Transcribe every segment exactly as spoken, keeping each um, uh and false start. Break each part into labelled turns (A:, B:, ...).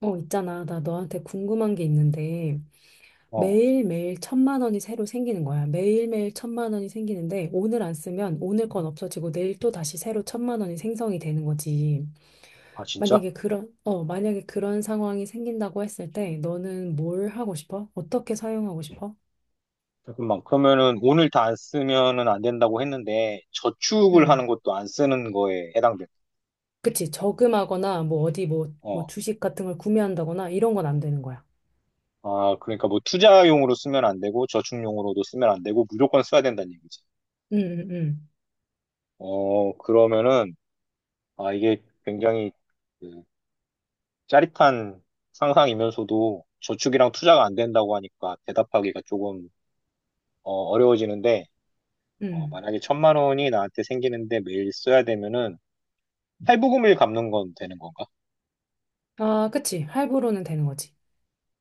A: 어, 있잖아. 나 너한테 궁금한 게 있는데,
B: 어,
A: 매일매일 천만 원이 새로 생기는 거야. 매일매일 천만 원이 생기는데, 오늘 안 쓰면 오늘 건 없어지고, 내일 또 다시 새로 천만 원이 생성이 되는 거지.
B: 아, 진짜?
A: 만약에 그런, 어, 만약에 그런 상황이 생긴다고 했을 때, 너는 뭘 하고 싶어? 어떻게 사용하고 싶어?
B: 잠깐만, 그러면은 오늘 다 안 쓰면은 안 된다고 했는데, 저축을
A: 응.
B: 하는 것도 안 쓰는 거에 해당돼?
A: 그치. 저금하거나, 뭐, 어디 뭐, 뭐,
B: 어,
A: 주식 같은 걸 구매한다거나, 이런 건 안 되는 거야.
B: 아, 그러니까 뭐 투자용으로 쓰면 안 되고, 저축용으로도 쓰면 안 되고, 무조건 써야 된다는 얘기지.
A: 응, 응, 응.
B: 어, 그러면은, 아, 이게 굉장히 그, 짜릿한 상상이면서도 저축이랑 투자가 안 된다고 하니까 대답하기가 조금 어, 어려워지는데, 어,
A: 응.
B: 만약에 천만 원이 나한테 생기는데 매일 써야 되면은, 탈부금을 갚는 건 되는 건가?
A: 아, 그치. 할부로는 되는 거지.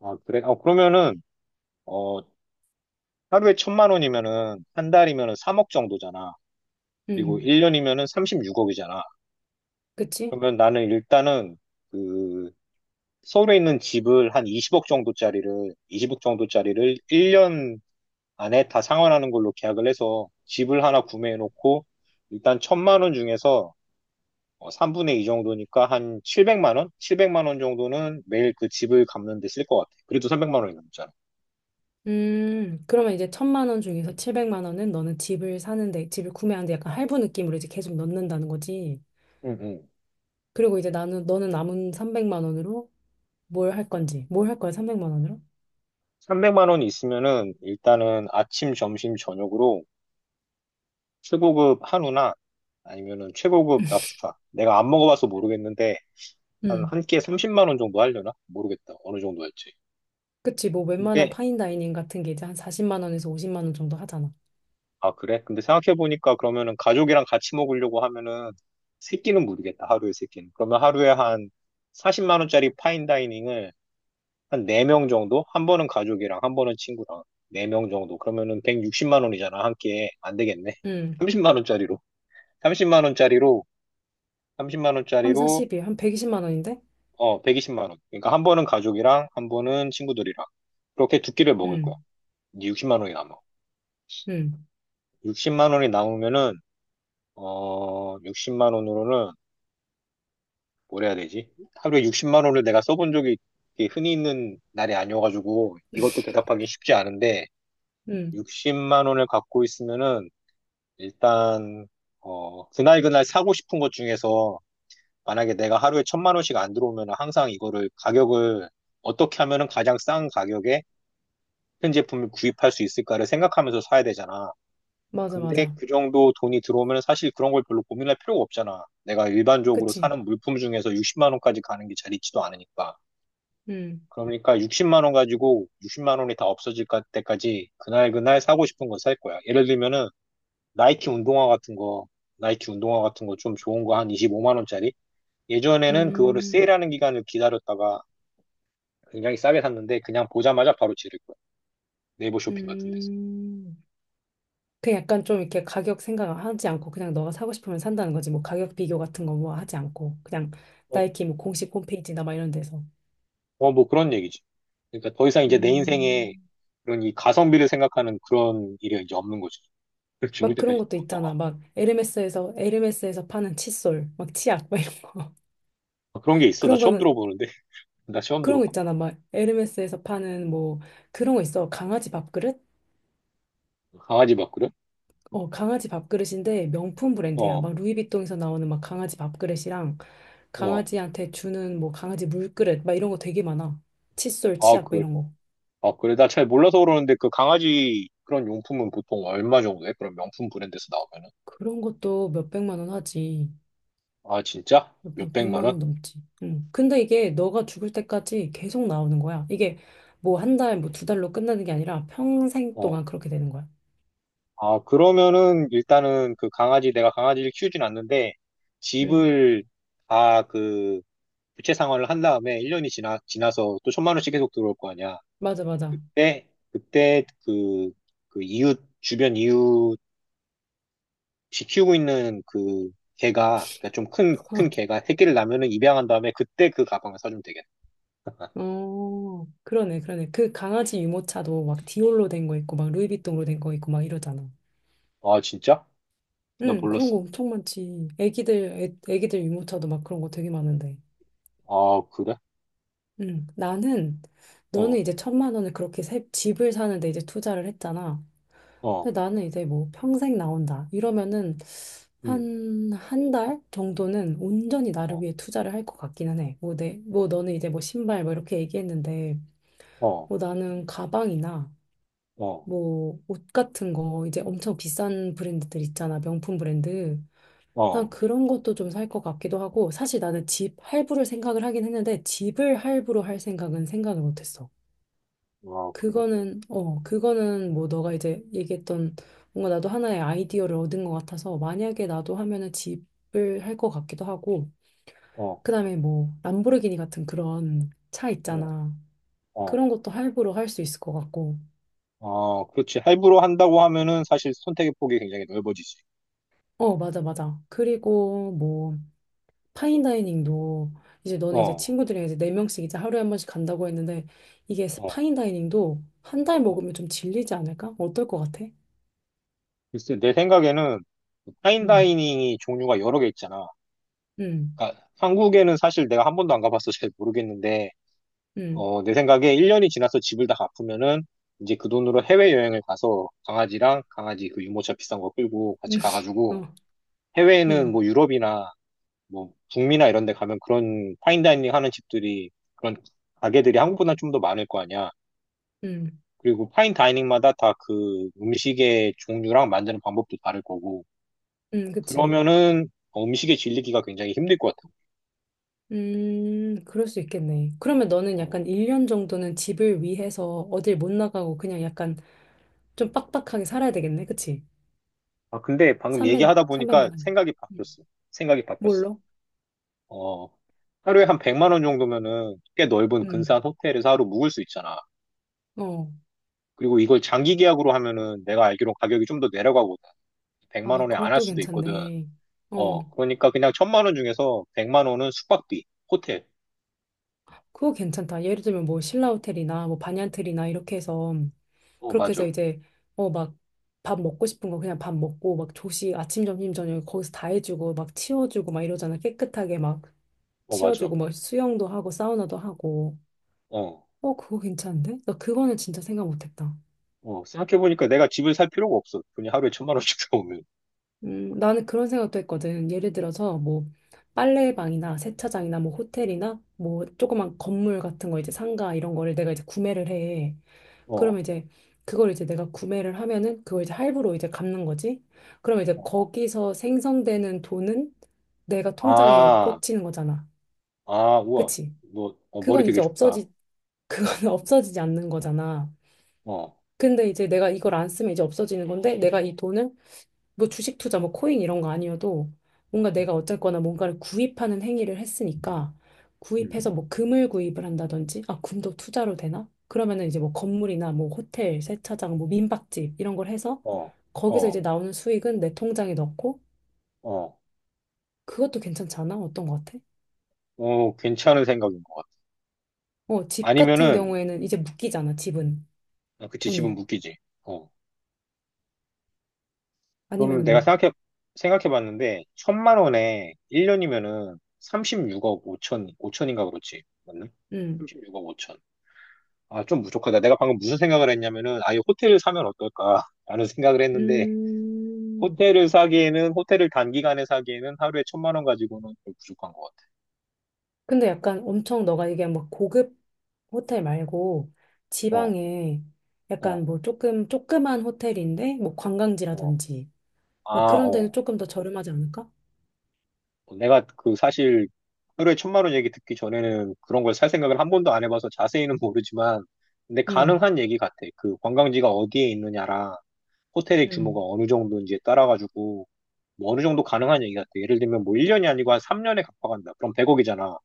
B: 아, 그래? 어, 그러면은, 어, 하루에 천만 원이면은, 한 달이면은 삼억 정도잖아. 그리고
A: 응.
B: 일 년이면은 삼십육억이잖아.
A: 그치?
B: 그러면 나는 일단은, 그, 서울에 있는 집을 한 이십억 정도짜리를, 이십억 정도짜리를 일 년 안에 다 상환하는 걸로 계약을 해서 집을 하나 구매해놓고, 일단 천만 원 중에서 어, 삼분의 이 정도니까 한 칠백만 원? 칠백만 원 정도는 매일 그 집을 갚는 데 쓸 것 같아. 그래도 삼백만 원이 넘잖아.
A: 음, 그러면 이제 천만 원 중에서 칠백만 원은 너는 집을 사는데, 집을 구매하는데 약간 할부 느낌으로 이제 계속 넣는다는 거지.
B: 응, 응.
A: 그리고 이제 나는, 너는 남은 삼백만 원으로 뭘 할 건지, 뭘 할 거야, 삼백만 원으로?
B: 삼백만 원 있으면은 일단은 아침, 점심, 저녁으로 최고급 한우나 아니면은 최고급 랍스타. 내가 안 먹어봐서 모르겠는데 한
A: 음,
B: 한 끼에 삼십만 원 정도 하려나? 모르겠다. 어느 정도 할지.
A: 그치, 뭐 웬만한
B: 근데,
A: 파인다이닝 같은 게 이제 한 사십만 원에서 오십만 원 정도 하잖아.
B: 아 그래? 근데 생각해보니까 그러면은 가족이랑 같이 먹으려고 하면은 세 끼는 모르겠다. 하루에 세 끼는. 그러면 하루에 한 사십만 원짜리 파인다이닝을 한 네 명 정도? 한 번은 가족이랑 한 번은 친구랑 네 명 정도. 그러면은 백육십만 원이잖아. 한 끼에. 안 되겠네.
A: 음,
B: 삼십만 원짜리로. 삼십만 원짜리로 삼십만
A: 삼, 사,
B: 원짜리로
A: 십이한 백이십만 원인데?
B: 어 백이십만 원. 그러니까 한 번은 가족이랑 한 번은 친구들이랑 그렇게 두 끼를 먹을 거야.
A: 음,
B: 이제 육십만 원이 남아.
A: 음,
B: 육십만 원이 남으면은 어 육십만 원으로는 뭘 해야 되지? 하루에 육십만 원을 내가 써본 적이 이렇게 흔히 있는 날이 아니어가지고 이것도 대답하기 쉽지 않은데
A: 음,
B: 육십만 원을 갖고 있으면은 일단 어 그날 그날 사고 싶은 것 중에서, 만약에 내가 하루에 천만 원씩 안 들어오면 항상 이거를 가격을 어떻게 하면은 가장 싼 가격에 큰 제품을 구입할 수 있을까를 생각하면서 사야 되잖아.
A: 맞아,
B: 근데
A: 맞아.
B: 그 정도 돈이 들어오면 사실 그런 걸 별로 고민할 필요가 없잖아. 내가 일반적으로
A: 그치.
B: 사는 물품 중에서 육십만 원까지 가는 게 잘 있지도 않으니까.
A: 음,
B: 그러니까 육십만 원 가지고 육십만 원이 다 없어질 까- 때까지 그날 그날 사고 싶은 거 살 거야. 예를 들면은 나이키 운동화 같은 거, 나이키 운동화 같은 거 좀 좋은 거 한 이십오만 원짜리. 예전에는 그거를
A: 음,
B: 세일하는 기간을 기다렸다가 굉장히 싸게 샀는데 그냥 보자마자 바로 지를 거야. 네이버 쇼핑 같은 데서.
A: 음. 그 약간 좀 이렇게 가격 생각하지 않고 그냥 너가 사고 싶으면 산다는 거지. 뭐 가격 비교 같은 거 뭐 하지 않고 그냥
B: 어,
A: 나이키 뭐 공식 홈페이지나 막 이런 데서
B: 어, 뭐 그런 얘기지. 그러니까 더 이상 이제 내 인생에
A: 음,
B: 그런 이 가성비를 생각하는 그런 일이 이제 없는 거지. 죽을
A: 막 그런
B: 때까지
A: 것도
B: 온다고.
A: 있잖아. 막 에르메스에서 에르메스에서 파는 칫솔, 막 치약 막 이런 거.
B: 아, 그런 게 있어? 나
A: 그런
B: 처음
A: 거는
B: 들어보는데. 나 처음
A: 그런 거
B: 들어봐.
A: 있잖아. 막 에르메스에서 파는 뭐 그런 거 있어. 강아지 밥그릇?
B: 강아지 바꾸려?
A: 어, 강아지 밥그릇인데 명품 브랜드야.
B: 어,
A: 막 루이비통에서 나오는 막 강아지 밥그릇이랑
B: 어.
A: 강아지한테 주는 뭐 강아지 물그릇 막 이런 거 되게 많아. 칫솔,
B: 아,
A: 치약 막
B: 그,
A: 이런 거.
B: 아, 그래. 나 잘 몰라서 그러는데 그 강아지 그런 용품은 보통 얼마 정도 해? 그런 명품 브랜드에서 나오면은.
A: 그런 것도 몇백만 원 하지.
B: 아, 진짜?
A: 몇백,
B: 몇백만
A: 백만
B: 원?
A: 원 넘지. 응. 근데 이게 너가 죽을 때까지 계속 나오는 거야. 이게 뭐 한 달, 뭐 두 달로 끝나는 게 아니라 평생
B: 어.
A: 동안 그렇게 되는 거야.
B: 아, 그러면은 일단은 그 강아지, 내가 강아지를 키우진 않는데,
A: 응.
B: 집을 다 그 부채 상환을 한 다음에 일 년이 지나, 지나서 또 천만 원씩 계속 들어올 거 아니야.
A: 맞아, 맞아.
B: 그때, 그때 그, 그 이웃, 주변 이웃이 키우고 있는 그 개가, 그러니까 좀 큰, 큰 개가 새끼를 낳으면은 입양한 다음에 그때 그 가방을 사주면 되겠다.
A: 어, 그러네, 그러네. 그 강아지 유모차도 막 디올로 된 거 있고, 막 루이비통으로 된 거 있고, 막 이러잖아.
B: 아, 진짜? 나
A: 응, 그런 거
B: 몰랐어.
A: 엄청 많지. 애기들, 애, 애기들 유모차도 막 그런 거 되게 많은데.
B: 아, 그래?
A: 응, 나는, 너는
B: 어,
A: 이제 천만 원을 그렇게 세- 집을 사는데 이제 투자를 했잖아.
B: 어,
A: 근데 나는 이제 뭐 평생 나온다 이러면은
B: 음,
A: 한 한 달 정도는 온전히 나를
B: 어,
A: 위해 투자를 할 것 같기는 해. 뭐 내, 뭐 너는 이제 뭐 신발 뭐 이렇게 얘기했는데
B: 어,
A: 뭐 나는 가방이나
B: 어,
A: 뭐 옷 같은 거 이제 엄청 비싼 브랜드들 있잖아. 명품 브랜드. 난
B: 어,
A: 그런 것도 좀 살 것 같기도 하고 사실 나는 집 할부를 생각을 하긴 했는데 집을 할부로 할 생각은 생각을 못했어.
B: 아, 그래?
A: 그거는, 어, 그거는 뭐 너가 이제 얘기했던 뭔가 나도 하나의 아이디어를 얻은 것 같아서 만약에 나도 하면은 집을 할 것 같기도 하고,
B: 어.
A: 그다음에 뭐 람보르기니 같은 그런 차
B: 어,
A: 있잖아. 그런
B: 어,
A: 것도 할부로 할 수 있을 것 같고.
B: 어, 그렇지. 할부로 한다고 하면은 사실 선택의 폭이 굉장히 넓어지지.
A: 어, 맞아, 맞아. 그리고 뭐 파인다이닝도 이제
B: 어,
A: 너는 이제
B: 어.
A: 친구들이랑 이제 네 명씩 이제 하루에 한 번씩 간다고 했는데 이게
B: 어.
A: 파인다이닝도 한 달 먹으면 좀 질리지 않을까? 어떨 것 같아?
B: 글쎄, 내 생각에는
A: 음,
B: 파인다이닝이 종류가 여러 개 있잖아.
A: 음,
B: 그러니까 한국에는 사실 내가 한 번도 안 가봐서 잘 모르겠는데,
A: 음,
B: 어, 내 생각에 일 년이 지나서 집을 다 갚으면은 이제 그 돈으로 해외여행을 가서 강아지랑 강아지 그 유모차 비싼 거 끌고
A: 음,
B: 같이 가가지고,
A: 어,
B: 해외에는
A: 음.
B: 뭐 유럽이나 뭐 북미나 이런 데 가면 그런 파인다이닝 하는 집들이, 그런 가게들이 한국보다 좀 더 많을 거 아니야.
A: 음,
B: 그리고 파인 다이닝마다 다 그 음식의 종류랑 만드는 방법도 다를 거고,
A: 음, 그치.
B: 그러면은 음식에 질리기가 굉장히 힘들 것 같아요.
A: 음, 그럴 수 있겠네. 그러면 너는 약간
B: 어.
A: 일 년 정도는 집을 위해서 어딜 못 나가고 그냥 약간 좀 빡빡하게 살아야 되겠네. 그치?
B: 아, 근데 방금
A: 삼백,
B: 얘기하다
A: 삼백만
B: 보니까
A: 원.
B: 생각이
A: 음.
B: 바뀌었어. 생각이 바뀌었어.
A: 뭘로?
B: 어, 하루에 한 백만 원 정도면은 꽤 넓은
A: 음,
B: 근사한 호텔에서 하루 묵을 수 있잖아.
A: 어.
B: 그리고 이걸 장기 계약으로 하면은 내가 알기로 가격이 좀 더 내려가거든. 백만
A: 아,
B: 원에 안 할
A: 그것도
B: 수도 있거든.
A: 괜찮네. 어,
B: 어, 그러니까 그냥 천만 원 중에서 백만 원은 숙박비, 호텔.
A: 그거 괜찮다. 예를 들면 뭐 신라호텔이나 뭐 반얀트리나 이렇게 해서
B: 어,
A: 그렇게 해서
B: 맞아.
A: 이제 어, 막 밥 먹고 싶은 거 그냥 밥 먹고 막 조식 아침 점심 저녁 거기서 다 해주고 막 치워주고 막 이러잖아. 깨끗하게 막.
B: 어, 맞아.
A: 치워주고 막 수영도 하고 사우나도 하고
B: 어.
A: 어 그거 괜찮은데? 나 그거는 진짜 생각 못했다.
B: 어, 생각해보니까 내가 집을 살 필요가 없어. 그냥 하루에 천만 원씩 들어오면.
A: 음 나는 그런 생각도 했거든. 예를 들어서 뭐 빨래방이나 세차장이나 뭐 호텔이나 뭐 조그만 건물 같은 거 이제 상가 이런 거를 내가 이제 구매를 해.
B: 어,
A: 그러면 이제 그걸 이제 내가 구매를 하면은 그걸 이제 할부로 이제 갚는 거지. 그럼 이제
B: 어.
A: 거기서 생성되는 돈은 내가 통장에
B: 아,
A: 꽂히는 거잖아.
B: 아, 우와.
A: 그치?
B: 너, 어, 머리
A: 그건
B: 되게
A: 이제
B: 좋다.
A: 없어지 그거는 없어지지 않는 거잖아.
B: 어,
A: 근데 이제 내가 이걸 안 쓰면 이제 없어지는 건데 내가 이 돈을 뭐 주식 투자 뭐 코인 이런 거 아니어도 뭔가
B: 음,
A: 내가 어쨌거나 뭔가를 구입하는 행위를 했으니까
B: 음.
A: 구입해서 뭐 금을 구입을 한다든지 아 금도 투자로 되나? 그러면은 이제 뭐 건물이나 뭐 호텔, 세차장, 뭐 민박집 이런 걸 해서
B: 어,
A: 거기서 이제
B: 어,
A: 나오는 수익은 내 통장에 넣고
B: 어,
A: 그것도 괜찮지 않아? 어떤 거 같아?
B: 어, 괜찮은 생각인 것 같아.
A: 어, 집 같은
B: 아니면은,
A: 경우에는 이제 묶이잖아, 집은.
B: 아, 그치, 집은
A: 돈이.
B: 묶이지. 어. 그러면
A: 아니면은
B: 내가
A: 뭐.
B: 생각해, 생각해봤는데, 천만 원에 일 년이면은 삼십육억 오천, 오천인가 그렇지. 맞나?
A: 음.
B: 십육억 오천. 아, 좀 부족하다. 내가 방금 무슨 생각을 했냐면은, 아예 호텔을 사면 어떨까? 라는 생각을 했는데,
A: 음.
B: 호텔을 사기에는, 호텔을 단기간에 사기에는 하루에 천만 원 가지고는 좀 부족한 것 같아.
A: 근데 약간 엄청 너가 얘기한 막 고급 호텔 말고
B: 어,
A: 지방에 약간
B: 어,
A: 뭐 조금 조그만 호텔인데 뭐
B: 어.
A: 관광지라든지 막
B: 아,
A: 그런 데는
B: 어.
A: 조금 더 저렴하지 않을까?
B: 내가 그 사실 하루에 천만 원 얘기 듣기 전에는 그런 걸 살 생각을 한 번도 안 해봐서 자세히는 모르지만, 근데
A: 응,
B: 가능한 얘기 같아. 그 관광지가 어디에 있느냐랑 호텔의
A: 응,
B: 규모가 어느 정도인지에 따라가지고, 뭐 어느 정도 가능한 얘기 같아. 예를 들면 뭐 일 년이 아니고 한 삼 년에 갚아간다. 그럼 백억이잖아.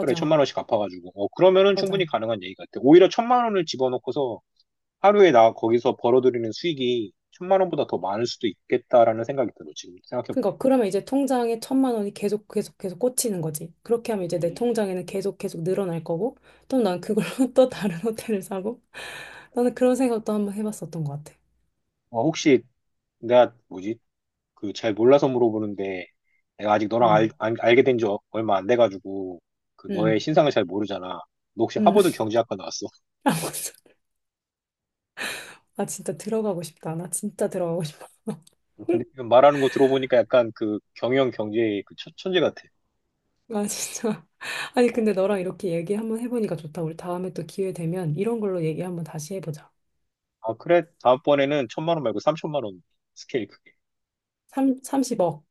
B: 그래, 천만 원씩 갚아가지고. 어, 그러면은
A: 맞아.
B: 충분히 가능한 얘기 같아. 오히려 천만 원을 집어넣고서 하루에 나 거기서 벌어들이는 수익이 천만 원보다 더 많을 수도 있겠다라는 생각이 들어, 지금 생각해보니까.
A: 그러니까 그러면 이제 통장에 천만 원이 계속 계속 계속 꽂히는 거지. 그렇게 하면 이제 내
B: 음.
A: 통장에는 계속 계속 늘어날 거고 또 난 그걸로 또 다른 호텔을 사고 나는 그런 생각도 한번 해봤었던 것 같아.
B: 어, 혹시 내가 뭐지? 그 잘 몰라서 물어보는데 내가 아직 너랑 알,
A: 응,
B: 알, 알게 된지 얼마 안 돼가지고 그 너의
A: 응,
B: 신상을 잘 모르잖아. 너 혹시
A: 응.
B: 하버드 경제학과 나왔어?
A: 아, 맞아. 아, 진짜 들어가고 싶다. 나 진짜 들어가고 싶다.
B: 근데 지금 말하는 거 들어보니까 약간 그 경영 경제의 그 천, 천재 같아.
A: 아, 진짜. 아니,
B: 어.
A: 근데 너랑 이렇게 얘기 한번 해보니까 좋다. 우리 다음에 또 기회 되면 이런 걸로 얘기 한번 다시 해보자.
B: 아, 그래? 다음번에는 천만 원 말고 삼천만 원. 스케일 크게.
A: 삼 삼십억,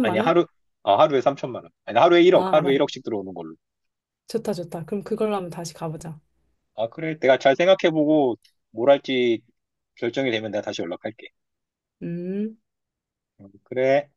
B: 아니,
A: 원?
B: 하루, 아, 하루에 삼천만 원. 아니, 하루에 일억,
A: 아,
B: 하루에
A: 알아.
B: 일억씩 들어오는 걸로.
A: 좋다, 좋다. 그럼 그걸로 한번 다시 가보자.
B: 아, 그래. 내가 잘 생각해보고 뭘 할지 결정이 되면 내가 다시 연락할게.
A: 음.
B: 음, 그래.